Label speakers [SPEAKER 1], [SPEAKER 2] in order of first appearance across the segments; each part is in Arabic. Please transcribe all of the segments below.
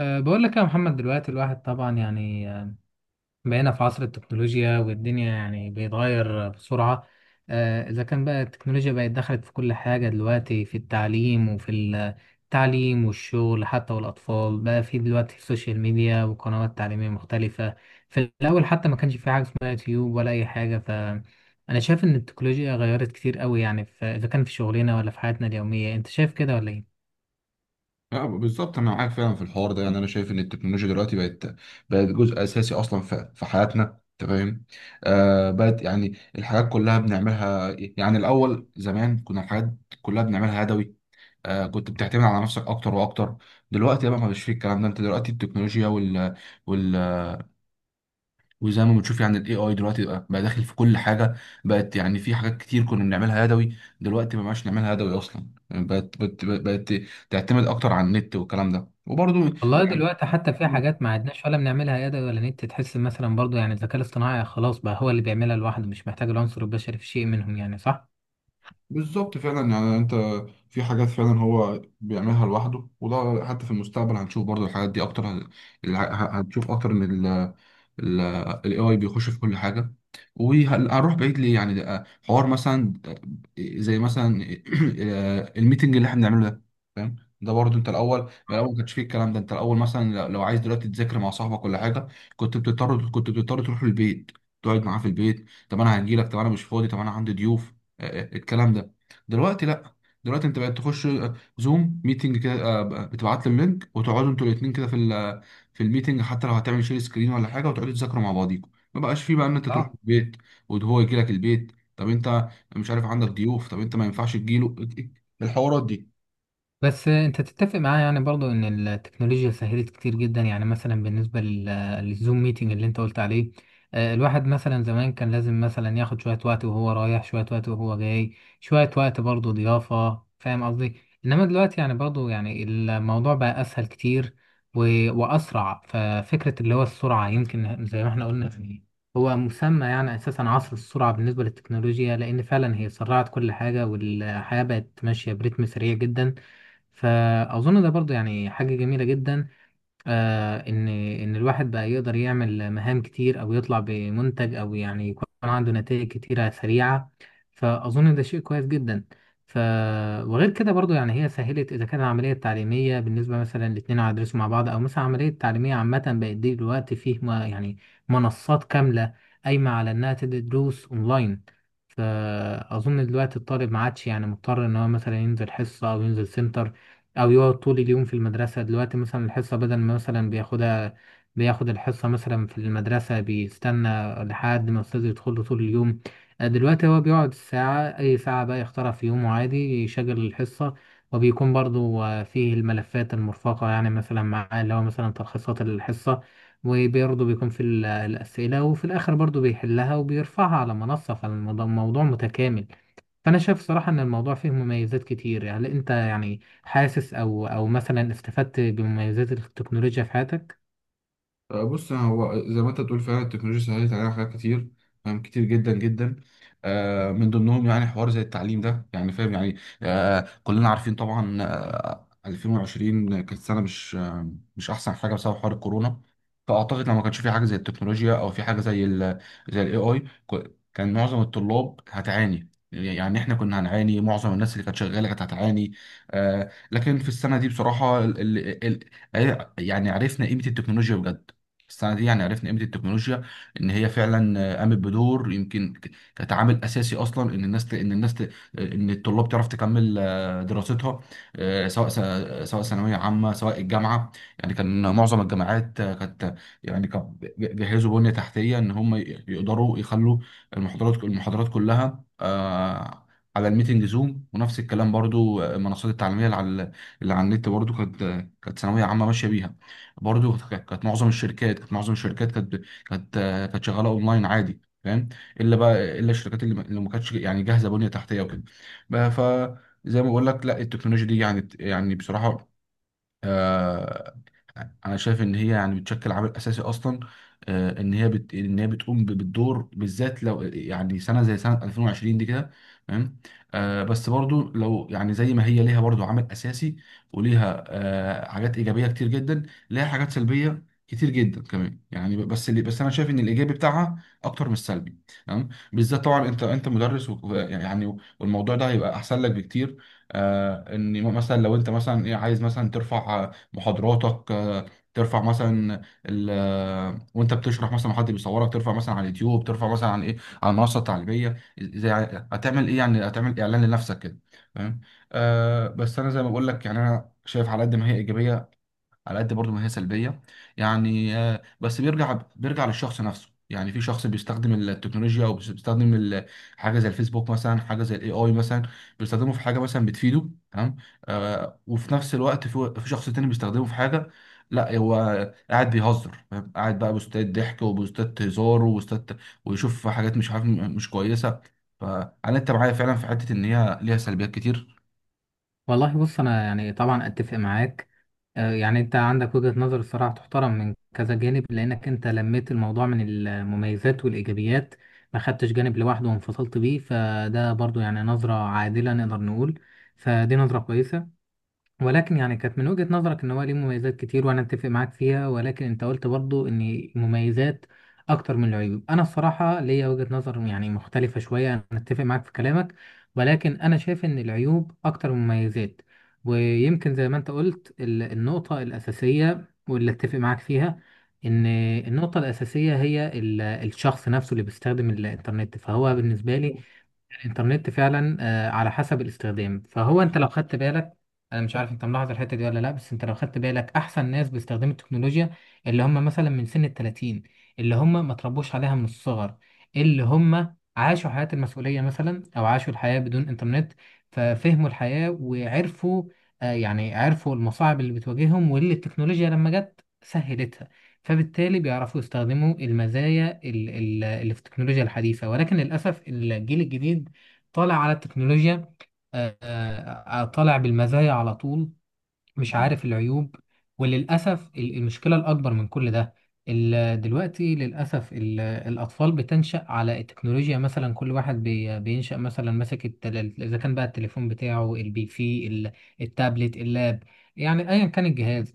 [SPEAKER 1] بقول لك يا محمد دلوقتي الواحد طبعا يعني بقينا في عصر التكنولوجيا والدنيا يعني بيتغير بسرعة. إذا كان بقى التكنولوجيا بقت دخلت في كل حاجة دلوقتي في التعليم والشغل حتى، والأطفال بقى في دلوقتي السوشيال ميديا وقنوات تعليمية مختلفة. في الأول حتى ما كانش في حاجة اسمها يوتيوب ولا أي حاجة، فأنا شايف إن التكنولوجيا غيرت كتير قوي، يعني في إذا كان في شغلنا ولا في حياتنا اليومية. أنت شايف كده ولا إيه؟
[SPEAKER 2] اه، بالظبط انا معاك فعلا في الحوار ده. يعني انا شايف ان التكنولوجيا دلوقتي بقت جزء اساسي اصلا في حياتنا. انت فاهم؟ بقت يعني الحاجات كلها بنعملها. يعني الاول زمان كنا الحاجات كلها بنعملها يدوي. كنت بتعتمد على نفسك اكتر واكتر. دلوقتي بقى ما فيش فيه الكلام ده. انت دلوقتي التكنولوجيا وال وزي ما بتشوف يعني الاي اي دلوقتي بقى داخل في كل حاجه. بقت يعني في حاجات كتير كنا بنعملها يدوي، دلوقتي ما بقاش نعملها يدوي اصلا. يعني بقت تعتمد اكتر على النت والكلام ده. وبرضه
[SPEAKER 1] والله دلوقتي حتى في
[SPEAKER 2] يعني
[SPEAKER 1] حاجات ما عدناش ولا بنعملها يد ولا نت، تحس مثلا برضو يعني الذكاء الاصطناعي خلاص بقى هو اللي بيعملها لوحده، مش محتاج العنصر البشري في شيء منهم، يعني صح؟
[SPEAKER 2] بالظبط فعلا. يعني انت في حاجات فعلا هو بيعملها لوحده، وده حتى في المستقبل هنشوف برضو الحاجات دي اكتر. هنشوف اكتر ان ال ال ال AI بيخش في كل حاجة. وهنروح بعيد ليه؟ يعني ده حوار مثلا، زي مثلا الميتنج اللي احنا بنعمله ده. فاهم؟ ده برضو انت الاول، من الاول ما كانش فيه الكلام ده. انت الاول مثلا لو عايز دلوقتي تذاكر مع صاحبك ولا حاجة، كنت بتضطر تروح البيت، تقعد معاه في البيت. طب انا هجيلك، طب انا مش فاضي، طب انا عندي ضيوف. الكلام ده. دلوقتي لا، دلوقتي انت بقت تخش زوم ميتنج كده. بتبعت لهم لينك وتقعدوا انتوا الاثنين كده في في الميتنج. حتى لو هتعمل شير سكرين ولا حاجه، وتقعدوا تذاكروا مع بعضيكم. ما بقاش فيه بقى ان انت تروح
[SPEAKER 1] اه،
[SPEAKER 2] البيت وهو يجي لك البيت. طب انت مش عارف، عندك ضيوف، طب انت ما ينفعش تجيله. الحوارات دي.
[SPEAKER 1] بس انت تتفق معايا يعني برضو ان التكنولوجيا سهلت كتير جدا، يعني مثلا بالنسبه للزوم ميتنج اللي انت قلت عليه. الواحد مثلا زمان كان لازم مثلا ياخد شويه وقت وهو رايح، شويه وقت وهو جاي، شويه وقت برضو ضيافه، فاهم قصدي؟ انما دلوقتي يعني برضو يعني الموضوع بقى اسهل كتير واسرع. ففكره اللي هو السرعه، يمكن زي ما احنا قلنا، يعني هو مسمى يعني اساسا عصر السرعه بالنسبه للتكنولوجيا، لان فعلا هي سرعت كل حاجه والحياه بقت ماشيه برتم سريع جدا. فأظن ده برضو يعني حاجة جميلة جدا، آه إن إن الواحد بقى يقدر يعمل مهام كتير أو يطلع بمنتج أو يعني يكون عنده نتائج كتيرة سريعة. فأظن ده شيء كويس جدا. ف وغير كده برضو يعني هي سهلت، إذا كانت العملية التعليمية بالنسبة مثلا الاتنين هيدرسوا مع بعض أو مثلا عملية تعليمية عامة بقت، دي دلوقتي فيه ما يعني منصات كاملة قايمة على إنها تدي دروس أونلاين. فأظن دلوقتي الطالب ما عادش يعني مضطر إن هو مثلا ينزل حصة أو ينزل سنتر أو يقعد طول اليوم في المدرسة. دلوقتي مثلا الحصة بدل ما مثلا بياخدها، بياخد الحصة مثلا في المدرسة بيستنى لحد ما الأستاذ يدخل له طول اليوم. دلوقتي هو بيقعد ساعة، أي ساعة بقى يختارها في يومه عادي، يشغل الحصة وبيكون برضو فيه الملفات المرفقة، يعني مثلا معاه اللي هو مثلا تلخيصات الحصة. وبرضه بيكون في الأسئلة، وفي الآخر برضه بيحلها وبيرفعها على منصة، فالموضوع متكامل. فأنا شايف صراحة إن الموضوع فيه مميزات كتير. يعني أنت يعني حاسس، أو مثلا استفدت بمميزات التكنولوجيا في حياتك؟
[SPEAKER 2] بص، هو زي ما انت بتقول فعلا التكنولوجيا سهلت علينا حاجات كتير، فاهم، كتير جدا جدا. من ضمنهم يعني حوار زي التعليم ده، يعني فاهم يعني. كلنا عارفين طبعا. 2020 كانت سنه مش احسن حاجه بسبب حوار الكورونا. فاعتقد لو ما كانش في حاجه زي التكنولوجيا او في حاجه زي الاي اي، كان معظم الطلاب هتعاني. يعني احنا كنا هنعاني، معظم الناس اللي كانت شغاله كانت هتعاني. آه، لكن في السنه دي بصراحه ال ال ال يعني عرفنا قيمه التكنولوجيا بجد. السنه دي يعني عرفنا قيمه التكنولوجيا، ان هي فعلا قامت بدور، يمكن كانت عامل اساسي اصلا ان الناس ان الطلاب تعرف تكمل دراستها. آه، سواء سواء ثانويه عامه، سواء الجامعه. يعني كان معظم الجامعات كانت، يعني جهزوا بنية تحتية إن هم يقدروا يخلوا المحاضرات كلها على الميتنج زوم. ونفس الكلام برضو، آه، المنصات التعليمية اللي على النت برضو كانت ثانوية عامة ماشية بيها. برضو كانت معظم الشركات كانت شغالة أونلاين عادي، فاهم؟ إلا بقى إلا الشركات اللي ما كانتش يعني جاهزة بنية تحتية وكده. بقى فزي ما بقول لك، لا، التكنولوجيا دي يعني بصراحة، آه، انا شايف ان هي يعني بتشكل عامل اساسي اصلا. ان هي بتقوم بالدور، بالذات لو يعني سنه زي سنه 2020 دي كده، تمام؟ بس برضو، لو يعني زي ما هي ليها برضو عامل اساسي وليها حاجات ايجابيه كتير جدا، ليها حاجات سلبيه كتير جدا كمان. يعني بس انا شايف ان الايجابي بتاعها اكتر من السلبي، تمام؟ بالذات طبعا انت مدرس، يعني والموضوع ده هيبقى احسن لك بكتير. ان مثلا لو انت مثلا ايه، عايز مثلا ترفع محاضراتك، ترفع مثلا وانت بتشرح مثلا حد بيصورك، ترفع مثلا على اليوتيوب، ترفع مثلا على ايه، على المنصه التعليميه، زي. هتعمل ايه؟ يعني هتعمل اعلان لنفسك كده، فاهم؟ آه، بس انا زي ما بقول لك، يعني انا شايف على قد ما هي ايجابيه، على قد برضو ما هي سلبية. يعني بس بيرجع للشخص نفسه. يعني في شخص بيستخدم التكنولوجيا، او بيستخدم حاجه زي الفيسبوك مثلا، حاجه زي الاي اي مثلا، بيستخدمه في حاجه مثلا بتفيده، تمام. آه، وفي نفس الوقت في شخص تاني بيستخدمه في حاجه، لا، هو قاعد بيهزر، فاهم؟ قاعد بقى بوستات ضحك، وبوستات هزار، وبوستات ويشوف حاجات مش عارف، مش كويسه. فانا انت معايا فعلا في حته ان هي ليها سلبيات كتير.
[SPEAKER 1] والله بص أنا يعني طبعا أتفق معاك. يعني أنت عندك وجهة نظر الصراحة تحترم من كذا جانب، لأنك أنت لميت الموضوع من المميزات والإيجابيات، ما خدتش جانب لوحده وانفصلت بيه، فده برضه يعني نظرة عادلة نقدر نقول. فدي نظرة كويسة، ولكن يعني كانت من وجهة نظرك ان هو ليه مميزات كتير وانا اتفق معاك فيها، ولكن انت قلت برضو ان المميزات اكتر من العيوب. انا الصراحة ليا وجهة نظر يعني مختلفة شوية، انا اتفق معاك في كلامك، ولكن انا شايف ان العيوب اكتر من المميزات. ويمكن زي ما انت قلت، النقطة الاساسية واللي اتفق معاك فيها ان النقطة الاساسية هي الشخص نفسه اللي بيستخدم الانترنت. فهو بالنسبة لي الانترنت فعلا على حسب الاستخدام. فهو انت لو خدت بالك، انا مش عارف انت ملاحظ الحته دي ولا لا، بس انت لو خدت بالك، احسن ناس باستخدام التكنولوجيا اللي هم مثلا من سن ال 30، اللي هم ما تربوش عليها من الصغر، اللي هم عاشوا حياه المسؤوليه مثلا او عاشوا الحياه بدون انترنت، ففهموا الحياه وعرفوا يعني عرفوا المصاعب اللي بتواجههم واللي التكنولوجيا لما جت سهلتها. فبالتالي بيعرفوا يستخدموا المزايا اللي في التكنولوجيا الحديثة. ولكن للأسف الجيل الجديد طالع على التكنولوجيا، طالع بالمزايا على طول، مش عارف العيوب. وللأسف المشكلة الأكبر من كل ده، دلوقتي للأسف الأطفال بتنشأ على التكنولوجيا. مثلا كل واحد بينشأ مثلا ماسك إذا كان بقى التليفون بتاعه، البي سي، التابلت، اللاب، يعني أيا كان الجهاز.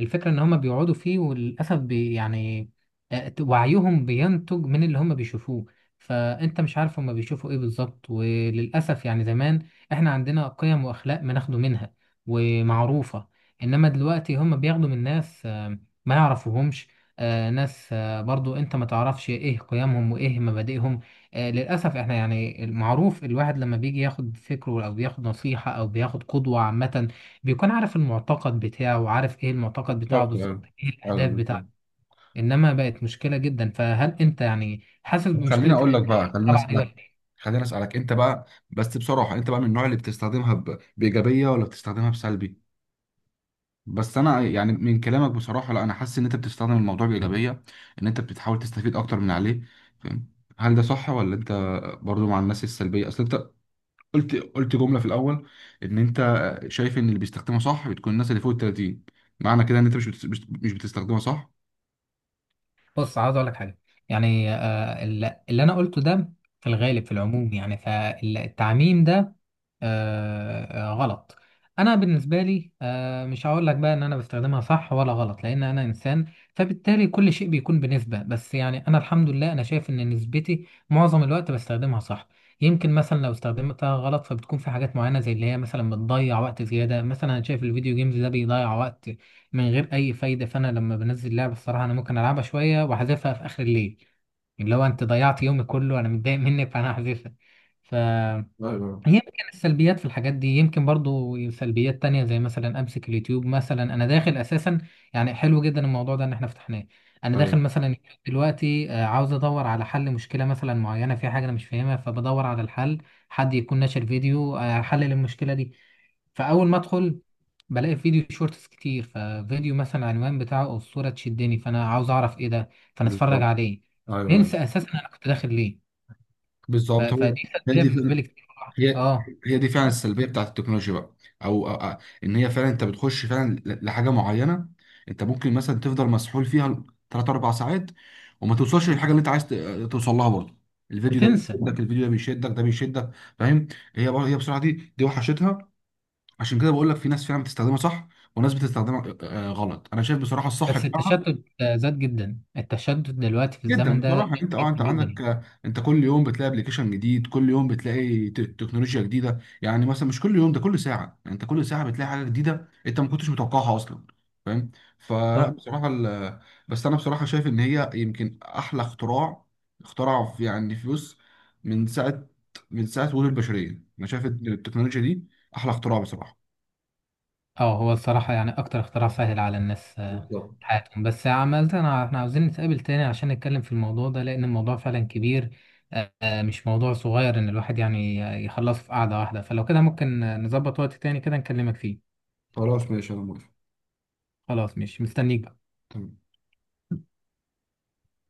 [SPEAKER 1] الفكرة إن هما بيقعدوا فيه، وللأسف يعني وعيهم بينتج من اللي هما بيشوفوه، فأنت مش عارف هما بيشوفوا إيه بالظبط. وللأسف يعني زمان إحنا عندنا قيم وأخلاق بناخده منها ومعروفة، انما دلوقتي هم بياخدوا من ناس ما يعرفوهمش، ناس برضو انت ما تعرفش ايه قيمهم وايه مبادئهم. للاسف احنا يعني المعروف الواحد لما بيجي ياخد فكره او بياخد نصيحة او بياخد قدوة عامة، بيكون عارف المعتقد بتاعه وعارف ايه المعتقد بتاعه
[SPEAKER 2] بالظبط،
[SPEAKER 1] بالظبط،
[SPEAKER 2] ايوه،
[SPEAKER 1] ايه
[SPEAKER 2] أيوة،
[SPEAKER 1] الاهداف
[SPEAKER 2] بالظبط.
[SPEAKER 1] بتاعته. انما بقت مشكلة جدا. فهل انت يعني حاسس
[SPEAKER 2] طب
[SPEAKER 1] بمشكلة
[SPEAKER 2] خليني اقول
[SPEAKER 1] اللي
[SPEAKER 2] لك بقى،
[SPEAKER 1] طالعة دي ولا ايه؟
[SPEAKER 2] خليني اسالك انت بقى، بس بصراحه انت بقى من النوع اللي بتستخدمها بايجابيه ولا بتستخدمها بسلبي؟ بس انا يعني من كلامك بصراحه، لا، انا حاسس ان انت بتستخدم الموضوع بايجابيه، ان انت بتحاول تستفيد اكتر من عليه، فاهم؟ هل ده صح ولا انت برضو مع الناس السلبيه؟ اصل انت قلت جمله في الاول ان انت شايف ان اللي بيستخدمها صح بتكون الناس اللي فوق ال 30. معنى كده ان انت مش بت... مش مش بتستخدمها صح؟
[SPEAKER 1] بص عاوز اقول لك حاجة. يعني اللي انا قلته ده في الغالب في العموم، يعني فالتعميم ده غلط. انا بالنسبه لي مش هقول لك بقى ان انا بستخدمها صح ولا غلط، لان انا انسان فبالتالي كل شيء بيكون بنسبه. بس يعني انا الحمد لله، انا شايف ان نسبتي معظم الوقت بستخدمها صح. يمكن مثلا لو استخدمتها غلط فبتكون في حاجات معينه، زي اللي هي مثلا بتضيع وقت زياده. مثلا انا شايف الفيديو جيمز ده بيضيع وقت من غير اي فايده. فانا لما بنزل لعبه الصراحه، انا ممكن العبها شويه واحذفها في اخر الليل، اللي هو انت ضيعت يومي كله انا متضايق منك، فانا هحذفها. ف
[SPEAKER 2] ايوه،
[SPEAKER 1] يمكن السلبيات في الحاجات دي، يمكن برضو سلبيات تانية زي مثلا امسك اليوتيوب. مثلا انا داخل اساسا، يعني حلو جدا الموضوع ده ان احنا فتحناه. انا داخل
[SPEAKER 2] ايوه،
[SPEAKER 1] مثلا دلوقتي عاوز ادور على حل مشكلة مثلا معينة في حاجة انا مش فاهمها، فبدور على الحل حد يكون ناشر فيديو حل للمشكلة دي. فاول ما ادخل بلاقي فيديو شورتس كتير، ففيديو مثلا العنوان بتاعه او الصورة تشدني، فانا عاوز اعرف ايه ده، فانا اتفرج
[SPEAKER 2] بالظبط.
[SPEAKER 1] عليه،
[SPEAKER 2] ايوه، ايوه،
[SPEAKER 1] ننسى اساسا انا كنت داخل ليه.
[SPEAKER 2] بالظبط.
[SPEAKER 1] فدي
[SPEAKER 2] هي
[SPEAKER 1] سلبية
[SPEAKER 2] دي
[SPEAKER 1] بالنسبة لي كتير.
[SPEAKER 2] هي
[SPEAKER 1] اه،
[SPEAKER 2] هي دي فعلا السلبيه بتاعت التكنولوجيا بقى. او ان هي فعلا انت بتخش فعلا لحاجه معينه. انت ممكن مثلا تفضل مسحول فيها ثلاث اربع ساعات، وما توصلش للحاجه اللي انت عايز توصل لها برضه. الفيديو ده
[SPEAKER 1] بتنسى.
[SPEAKER 2] بيشدك، الفيديو ده بيشدك، ده بيشدك، فاهم؟ هي بصراحه دي وحشتها. عشان كده بقول لك في ناس فعلا بتستخدمها صح، وناس بتستخدمها غلط. انا شايف بصراحه الصح
[SPEAKER 1] بس
[SPEAKER 2] بتاعها
[SPEAKER 1] التشتت زاد جدا، التشتت دلوقتي في
[SPEAKER 2] جدا.
[SPEAKER 1] الزمن ده
[SPEAKER 2] بصراحه
[SPEAKER 1] زاد
[SPEAKER 2] انت اه
[SPEAKER 1] جدا
[SPEAKER 2] انت
[SPEAKER 1] جدا
[SPEAKER 2] عندك،
[SPEAKER 1] يعني.
[SPEAKER 2] انت كل يوم بتلاقي ابلكيشن جديد، كل يوم بتلاقي تكنولوجيا جديده. يعني مثلا مش كل يوم، ده كل ساعه. يعني انت كل ساعه بتلاقي حاجه جديده، انت ما كنتش متوقعها اصلا، فاهم؟ فلا
[SPEAKER 1] صح.
[SPEAKER 2] بصراحه بس انا بصراحه شايف ان هي يمكن احلى اختراع اخترع في يعني فلوس، من ساعه من ساعه وجود البشريه. انا شايف ان التكنولوجيا دي احلى اختراع بصراحه.
[SPEAKER 1] اه، هو الصراحة يعني أكتر اختراع سهل على الناس
[SPEAKER 2] بالظبط.
[SPEAKER 1] حياتهم. بس عملت أنا، احنا عاوزين نتقابل تاني عشان نتكلم في الموضوع ده، لأن الموضوع فعلا كبير، مش موضوع صغير إن الواحد يعني يخلصه في قعدة واحدة. فلو كده ممكن نظبط وقت تاني كده نكلمك فيه.
[SPEAKER 2] خلاص، ماشي، انا موافق.
[SPEAKER 1] خلاص مش مستنيك بقى.
[SPEAKER 2] تمام.